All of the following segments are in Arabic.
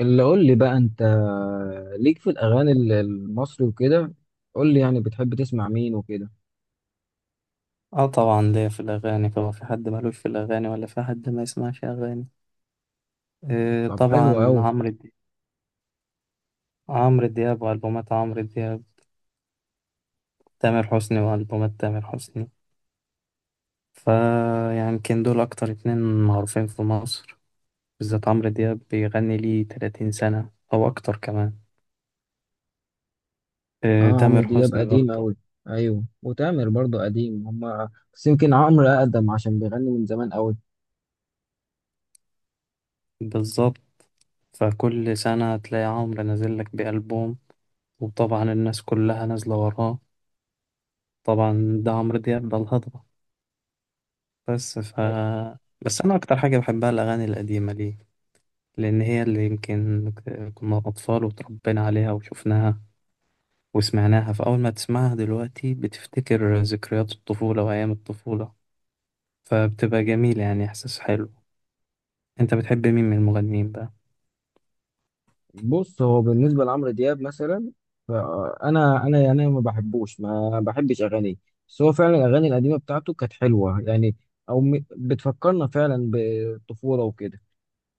اللي قول لي بقى انت، ليك في الاغاني المصري وكده. قول لي يعني بتحب تسمع مين وكده. اه طبعا ليا في الاغاني، هو في حد مالوش في الاغاني ولا في حد ما يسمعش اغاني؟ آه طب حلو طبعا قوي. عمرو دياب. والبومات عمرو دياب، تامر حسني والبومات تامر حسني. فيمكن دول اكتر اتنين معروفين في مصر، بالذات عمرو دياب بيغني ليه 30 سنة او اكتر كمان. آه اه، عمرو تامر دياب حسني قديم برضه. قوي. ايوه، وتامر برضو قديم، هما بس يمكن عمرو اقدم عشان بيغني من زمان قوي. بالظبط، فكل سنة تلاقي عمرو نازل لك بألبوم، وطبعا الناس كلها نازلة وراه. طبعا ده عمرو دياب، ده الهضبة. بس ف ايوه. بس انا اكتر حاجه بحبها الاغاني القديمه ليه، لان هي اللي يمكن كنا اطفال وتربينا عليها وشفناها وسمعناها، فاول ما تسمعها دلوقتي بتفتكر ذكريات الطفوله وايام الطفوله، فبتبقى جميله، يعني احساس حلو. انت بتحب مين من المغنيين بقى؟ بص، هو بالنسبه لعمرو دياب مثلا، فانا يعني ما بحبش اغانيه، بس هو فعلا الاغاني القديمه بتاعته كانت حلوه يعني، او بتفكرنا فعلا بالطفوله وكده.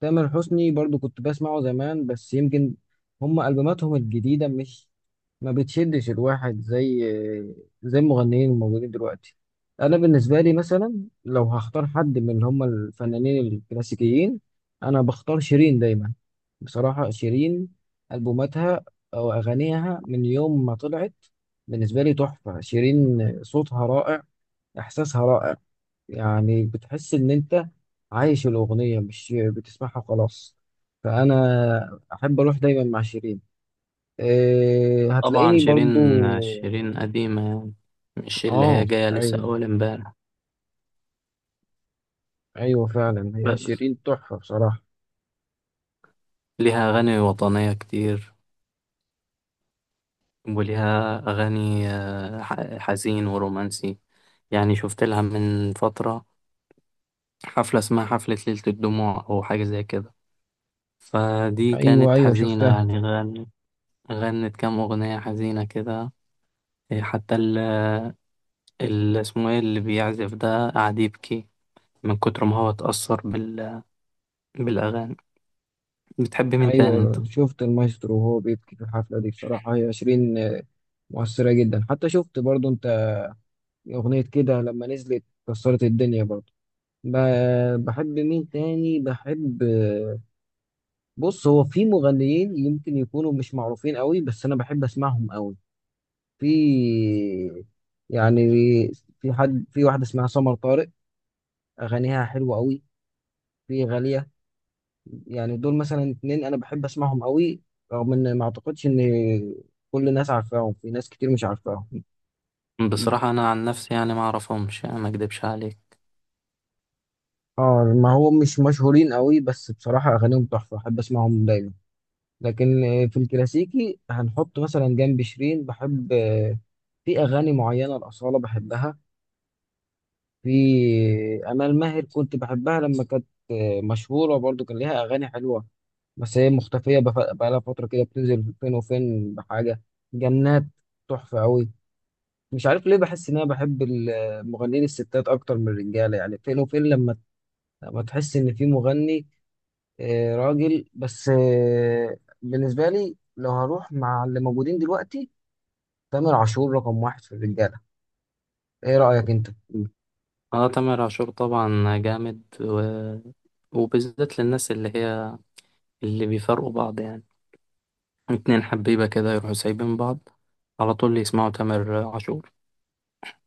تامر حسني برضو كنت بسمعه زمان، بس يمكن هم ألبوماتهم الجديدة مش ما بتشدش الواحد زي المغنيين الموجودين دلوقتي. أنا بالنسبة لي مثلا، لو هختار حد من اللي هم الفنانين الكلاسيكيين، أنا بختار شيرين دايما. بصراحة شيرين، ألبوماتها أو أغانيها من يوم ما طلعت بالنسبة لي تحفة. شيرين صوتها رائع، إحساسها رائع، يعني بتحس ان انت عايش الاغنيه، مش بتسمعها وخلاص. فانا احب اروح دايما مع شيرين. إيه، طبعا هتلاقيني شيرين. برضو. قديمة يعني، مش اللي اه. هي جاية لسه ايوه. أول امبارح. ايوه فعلا، هي بس شيرين تحفه بصراحه. ليها أغاني وطنية كتير، وليها أغاني حزين ورومانسي. يعني شفت لها من فترة حفلة اسمها حفلة ليلة الدموع أو حاجة زي كده، فدي ايوه، كانت ايوه حزينة، شفتها. يعني غنت كام أغنية حزينة كده. حتى اسمه إيه اللي بيعزف ده قعد يبكي من كتر ما هو اتأثر بالأغاني. بتحب مين تاني أنت؟ ايوه شفت المايسترو وهو بيبكي في الحفله دي، بصراحه هي شيرين آه، مؤثره جدا. حتى شفت برضو انت اغنيه كده، لما نزلت كسرت الدنيا برضو. بحب مين تاني؟ بحب، بص، هو في مغنيين يمكن يكونوا مش معروفين قوي بس انا بحب اسمعهم قوي. في، يعني، في حد، في واحده اسمها سمر طارق، اغانيها حلوه قوي. في غاليه. يعني دول مثلا اتنين انا بحب اسمعهم قوي، رغم ان ما اعتقدش ان كل الناس عارفاهم، في ناس كتير مش عارفاهم. بصراحة أنا عن نفسي يعني ما أعرفهمش، يعني ما أكدبش عليك. اه، ما هو مش مشهورين قوي، بس بصراحه اغانيهم تحفه، احب اسمعهم دايما. لكن آه، في الكلاسيكي هنحط مثلا جنب شيرين بحب آه، في اغاني معينه الاصاله بحبها. في امال ماهر كنت بحبها لما كانت مشهوره، برضو كان ليها اغاني حلوه، بس هي مختفيه. بقالها فتره كده بتنزل فين وفين بحاجه. جنات تحفه قوي. مش عارف ليه بحس ان انا بحب المغنيين الستات اكتر من الرجاله، يعني فين وفين لما تحس ان في مغني آه، راجل. بس آه، بالنسبه لي لو هروح مع اللي موجودين دلوقتي، تامر عاشور رقم واحد في الرجاله. ايه رايك انت؟ اه تامر عاشور طبعا جامد وبالذات للناس اللي هي اللي بيفرقوا بعض، يعني اتنين حبيبة كده يروحوا سايبين بعض على طول يسمعوا تامر عاشور.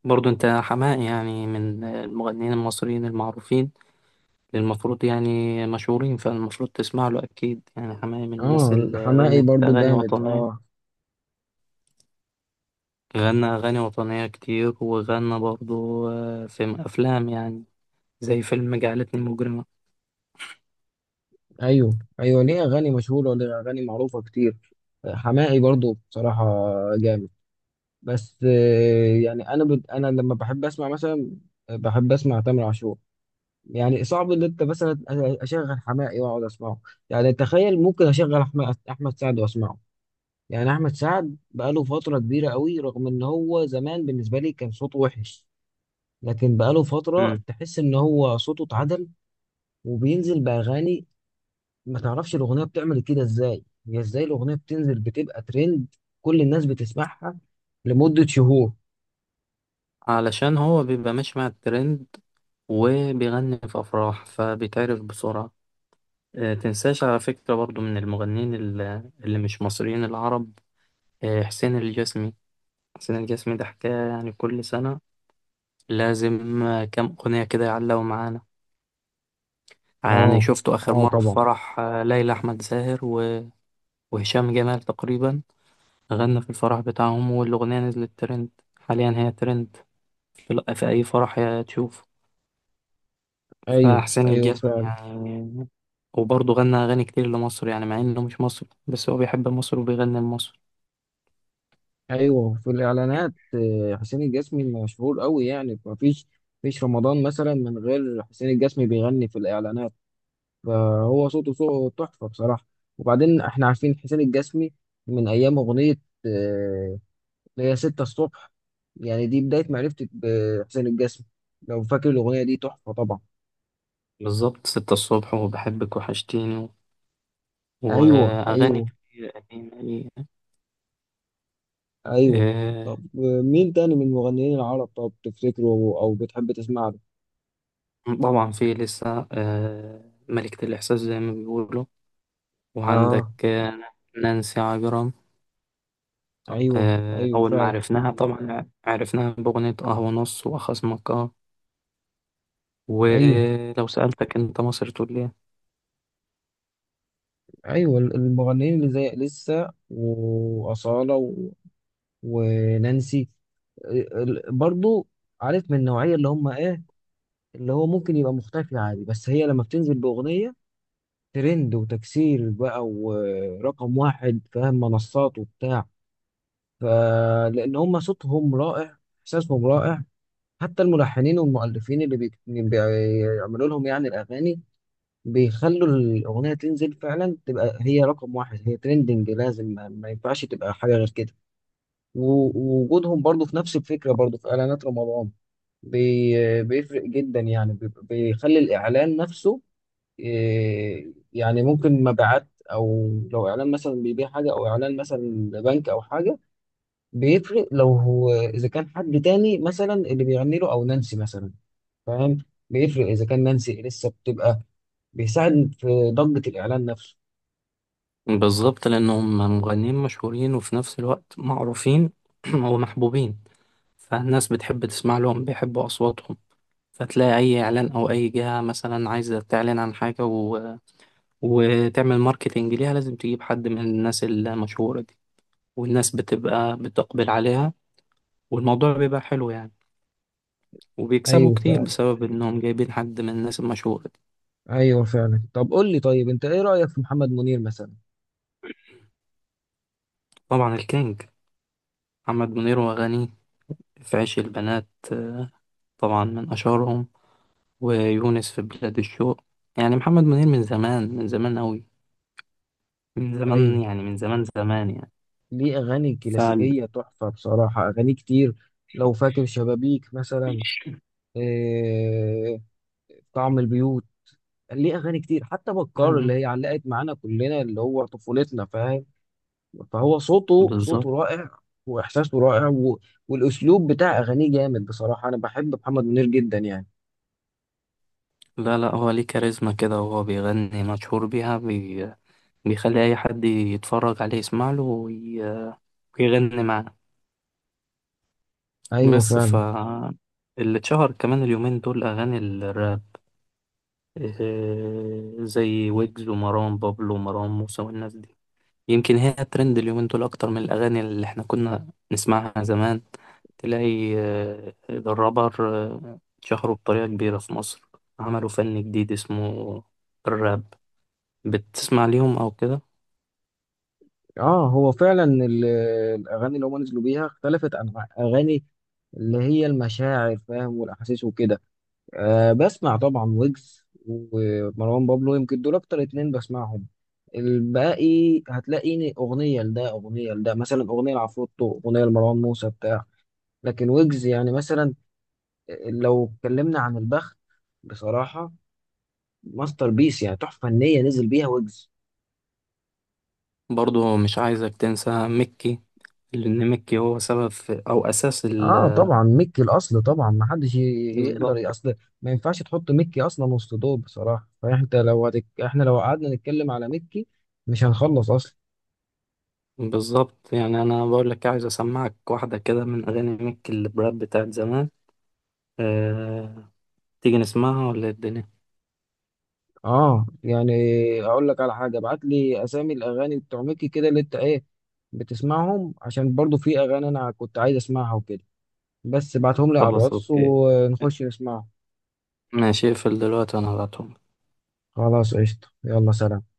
برضو انت حماقي، يعني من المغنيين المصريين المعروفين اللي المفروض يعني مشهورين، فالمفروض تسمع له اكيد. يعني حماقي من الناس اه اللي حماقي غنت برضو اغاني جامد، وطنية، اه. غنى اغاني وطنية كتير، وغنى برضو في افلام، يعني زي فيلم جعلتني مجرمة. ايوه، ايوه ليه اغاني مشهوره، وليه اغاني معروفه كتير. حماقي برضو بصراحه جامد. بس آه، يعني انا انا لما بحب اسمع مثلا، بحب اسمع تامر عاشور. يعني صعب ان انت مثلا اشغل حماقي واقعد اسمعه. يعني تخيل، ممكن اشغل احمد سعد واسمعه. يعني احمد سعد بقاله فتره كبيره قوي، رغم ان هو زمان بالنسبه لي كان صوته وحش، لكن بقاله فتره تحس ان هو صوته اتعدل وبينزل باغاني ما تعرفش الأغنية بتعمل كده إزاي. هي إزاي الأغنية بتنزل بتبقى ترند كل الناس بتسمعها لمدة شهور. علشان هو بيبقى ماشي مع الترند وبيغني في أفراح فبيتعرف بسرعة. تنساش على فكرة برضو من اللي مش مصريين العرب، حسين الجسمي. حسين الجسمي ده حكاية، يعني كل سنة لازم كام أغنية كده يعلقوا معانا. يعني اه. شفته آخر اه مرة في طبعا. فرح ليلى أحمد زاهر وهشام جمال تقريبا، غنى في الفرح بتاعهم والأغنية نزلت ترند، حاليا هي ترند في أي فرح يا تشوف. ايوه، فحسين ايوه الجسمي فعلا. يعني، وبرضه غنى أغاني كتير لمصر، يعني مع إنه مش مصري بس هو بيحب مصر وبيغني لمصر. ايوه، في الاعلانات آه، حسين الجسمي مشهور قوي، يعني ما فيش فيش رمضان مثلا من غير حسين الجسمي بيغني في الاعلانات. فهو صوته صوته تحفه بصراحه. وبعدين احنا عارفين حسين الجسمي من ايام اغنيه آه، اللي هي ستة الصبح. يعني دي بداية معرفتي بحسين الجسمي. لو فاكر الأغنية دي تحفة طبعا. بالظبط، ستة الصبح وبحبك وحشتيني أيوه، وأغاني أيوه. كتير قديمة ليه. أيوه. آه، طب مين تاني من المغنيين العرب، طب تفتكره أو أو بتحب تسمع له؟ طبعا في لسه ملكة الإحساس زي ما بيقولوا، آه. وعندك نانسي عجرم. أيوه، أيوه أول ما فعلا. عرفناها طبعا عرفناها بأغنية قهوة نص وخصمك آه. أيوه، ولو سألتك أنت مصر تقول لي؟ أيوه المغنيين اللي زي لسه وأصالة و... ونانسي، برضو، عارف من النوعية اللي هم إيه، اللي هو ممكن يبقى مختفي عادي بس هي لما بتنزل بأغنية ترند وتكسير بقى ورقم واحد، فاهم، منصات وبتاع. فلأن هم صوتهم رائع إحساسهم رائع، حتى الملحنين والمؤلفين اللي بيعملوا لهم يعني الأغاني بيخلوا الأغنية تنزل فعلا تبقى هي رقم واحد، هي ترندنج، لازم ما ينفعش تبقى حاجة غير كده. ووجودهم برضو في نفس الفكرة برضو في إعلانات رمضان بيفرق جدا، يعني بيخلي الإعلان نفسه إيه، يعني ممكن مبيعات. او لو اعلان مثلا بيبيع حاجه او اعلان مثلا لبنك او حاجه، بيفرق لو هو اذا كان حد تاني مثلا اللي بيغني له او نانسي مثلا، فاهم، بيفرق اذا كان نانسي لسه بتبقى بيساعد في ضجه الاعلان نفسه. بالظبط، لأنهم مغنيين مشهورين وفي نفس الوقت معروفين ومحبوبين، فالناس بتحب تسمع لهم، بيحبوا أصواتهم. فتلاقي أي إعلان أو أي جهة مثلا عايزة تعلن عن حاجة وتعمل ماركتينج ليها، لازم تجيب حد من الناس المشهورة دي، والناس بتبقى بتقبل عليها، والموضوع بيبقى حلو يعني، وبيكسبوا ايوه كتير فعلا. بسبب إنهم جايبين حد من الناس المشهورة دي. ايوه فعلا. طب قول لي، طيب انت ايه رايك في محمد منير مثلا؟ طبعا الكينج محمد منير وأغانيه، في عيش البنات طبعا من أشهرهم، ويونس في بلاد الشوق. يعني محمد منير من زمان، أوي، من زمان ايوه يعني، من زمان زمان يعني. ليه اغاني ف كلاسيكيه تحفه بصراحه، اغاني كتير. لو فاكر شبابيك مثلا، إيه، طعم البيوت. ليه اغاني كتير، حتى بكار اللي هي علقت معانا كلنا اللي هو طفولتنا، فاهم. فهو صوته بالظبط. صوته رائع واحساسه رائع و... والاسلوب بتاع اغانيه جامد بصراحه، انا بحب محمد منير جدا يعني. لا لا، هو ليه كاريزما كده وهو بيغني، مشهور بيها، بيخلي أي حد يتفرج عليه يسمع له ويغني معاه. ايوه بس ف فعلا. اللي اتشهر كمان اليومين دول أغاني الراب، زي ويجز ومروان بابلو ومروان موسى والناس دي. يمكن هي الترند اليومين دول أكتر من الأغاني اللي إحنا كنا نسمعها زمان. تلاقي الرابر اتشهروا بطريقة كبيرة في مصر، عملوا فن جديد اسمه الراب. بتسمع ليهم أو كده؟ اه هو فعلا الاغاني اللي هم نزلوا بيها اختلفت عن اغاني اللي هي المشاعر، فاهم، والاحاسيس وكده. أه بسمع طبعا ويجز ومروان بابلو، يمكن دول اكتر اتنين بسمعهم. الباقي هتلاقيني اغنيه لده، اغنيه لده مثلا، اغنيه لعفروتو، اغنيه لمروان موسى بتاع. لكن ويجز يعني مثلا، لو اتكلمنا عن البخت، بصراحه ماستر بيس، يعني تحفه فنيه نزل بيها ويجز. برضو مش عايزك تنسى مكي، لأن مكي هو سبب في أو أساس ال. اه طبعا، ميكي الاصل طبعا، ما حدش يقدر بالظبط. اصل ما ينفعش تحط ميكي اصلا وسط دول بصراحه، فانت لو احنا لو قعدنا نتكلم على ميكي مش هنخلص اصلا. يعني أنا بقول لك عايز أسمعك واحدة كده من أغاني مكي الراب بتاعت زمان. أه... تيجي نسمعها ولا إيه الدنيا؟ اه يعني، اقول لك على حاجه، ابعت لي اسامي الاغاني بتوع ميكي كده اللي انت ايه بتسمعهم، عشان برضو في اغاني انا كنت عايز اسمعها وكده. بس ابعتهم لي على خلاص الواتس أوكي، ونخش نسمعهم. ماشي اقفل دلوقتي وانا هبعتهم. خلاص قشطه، يلا سلام.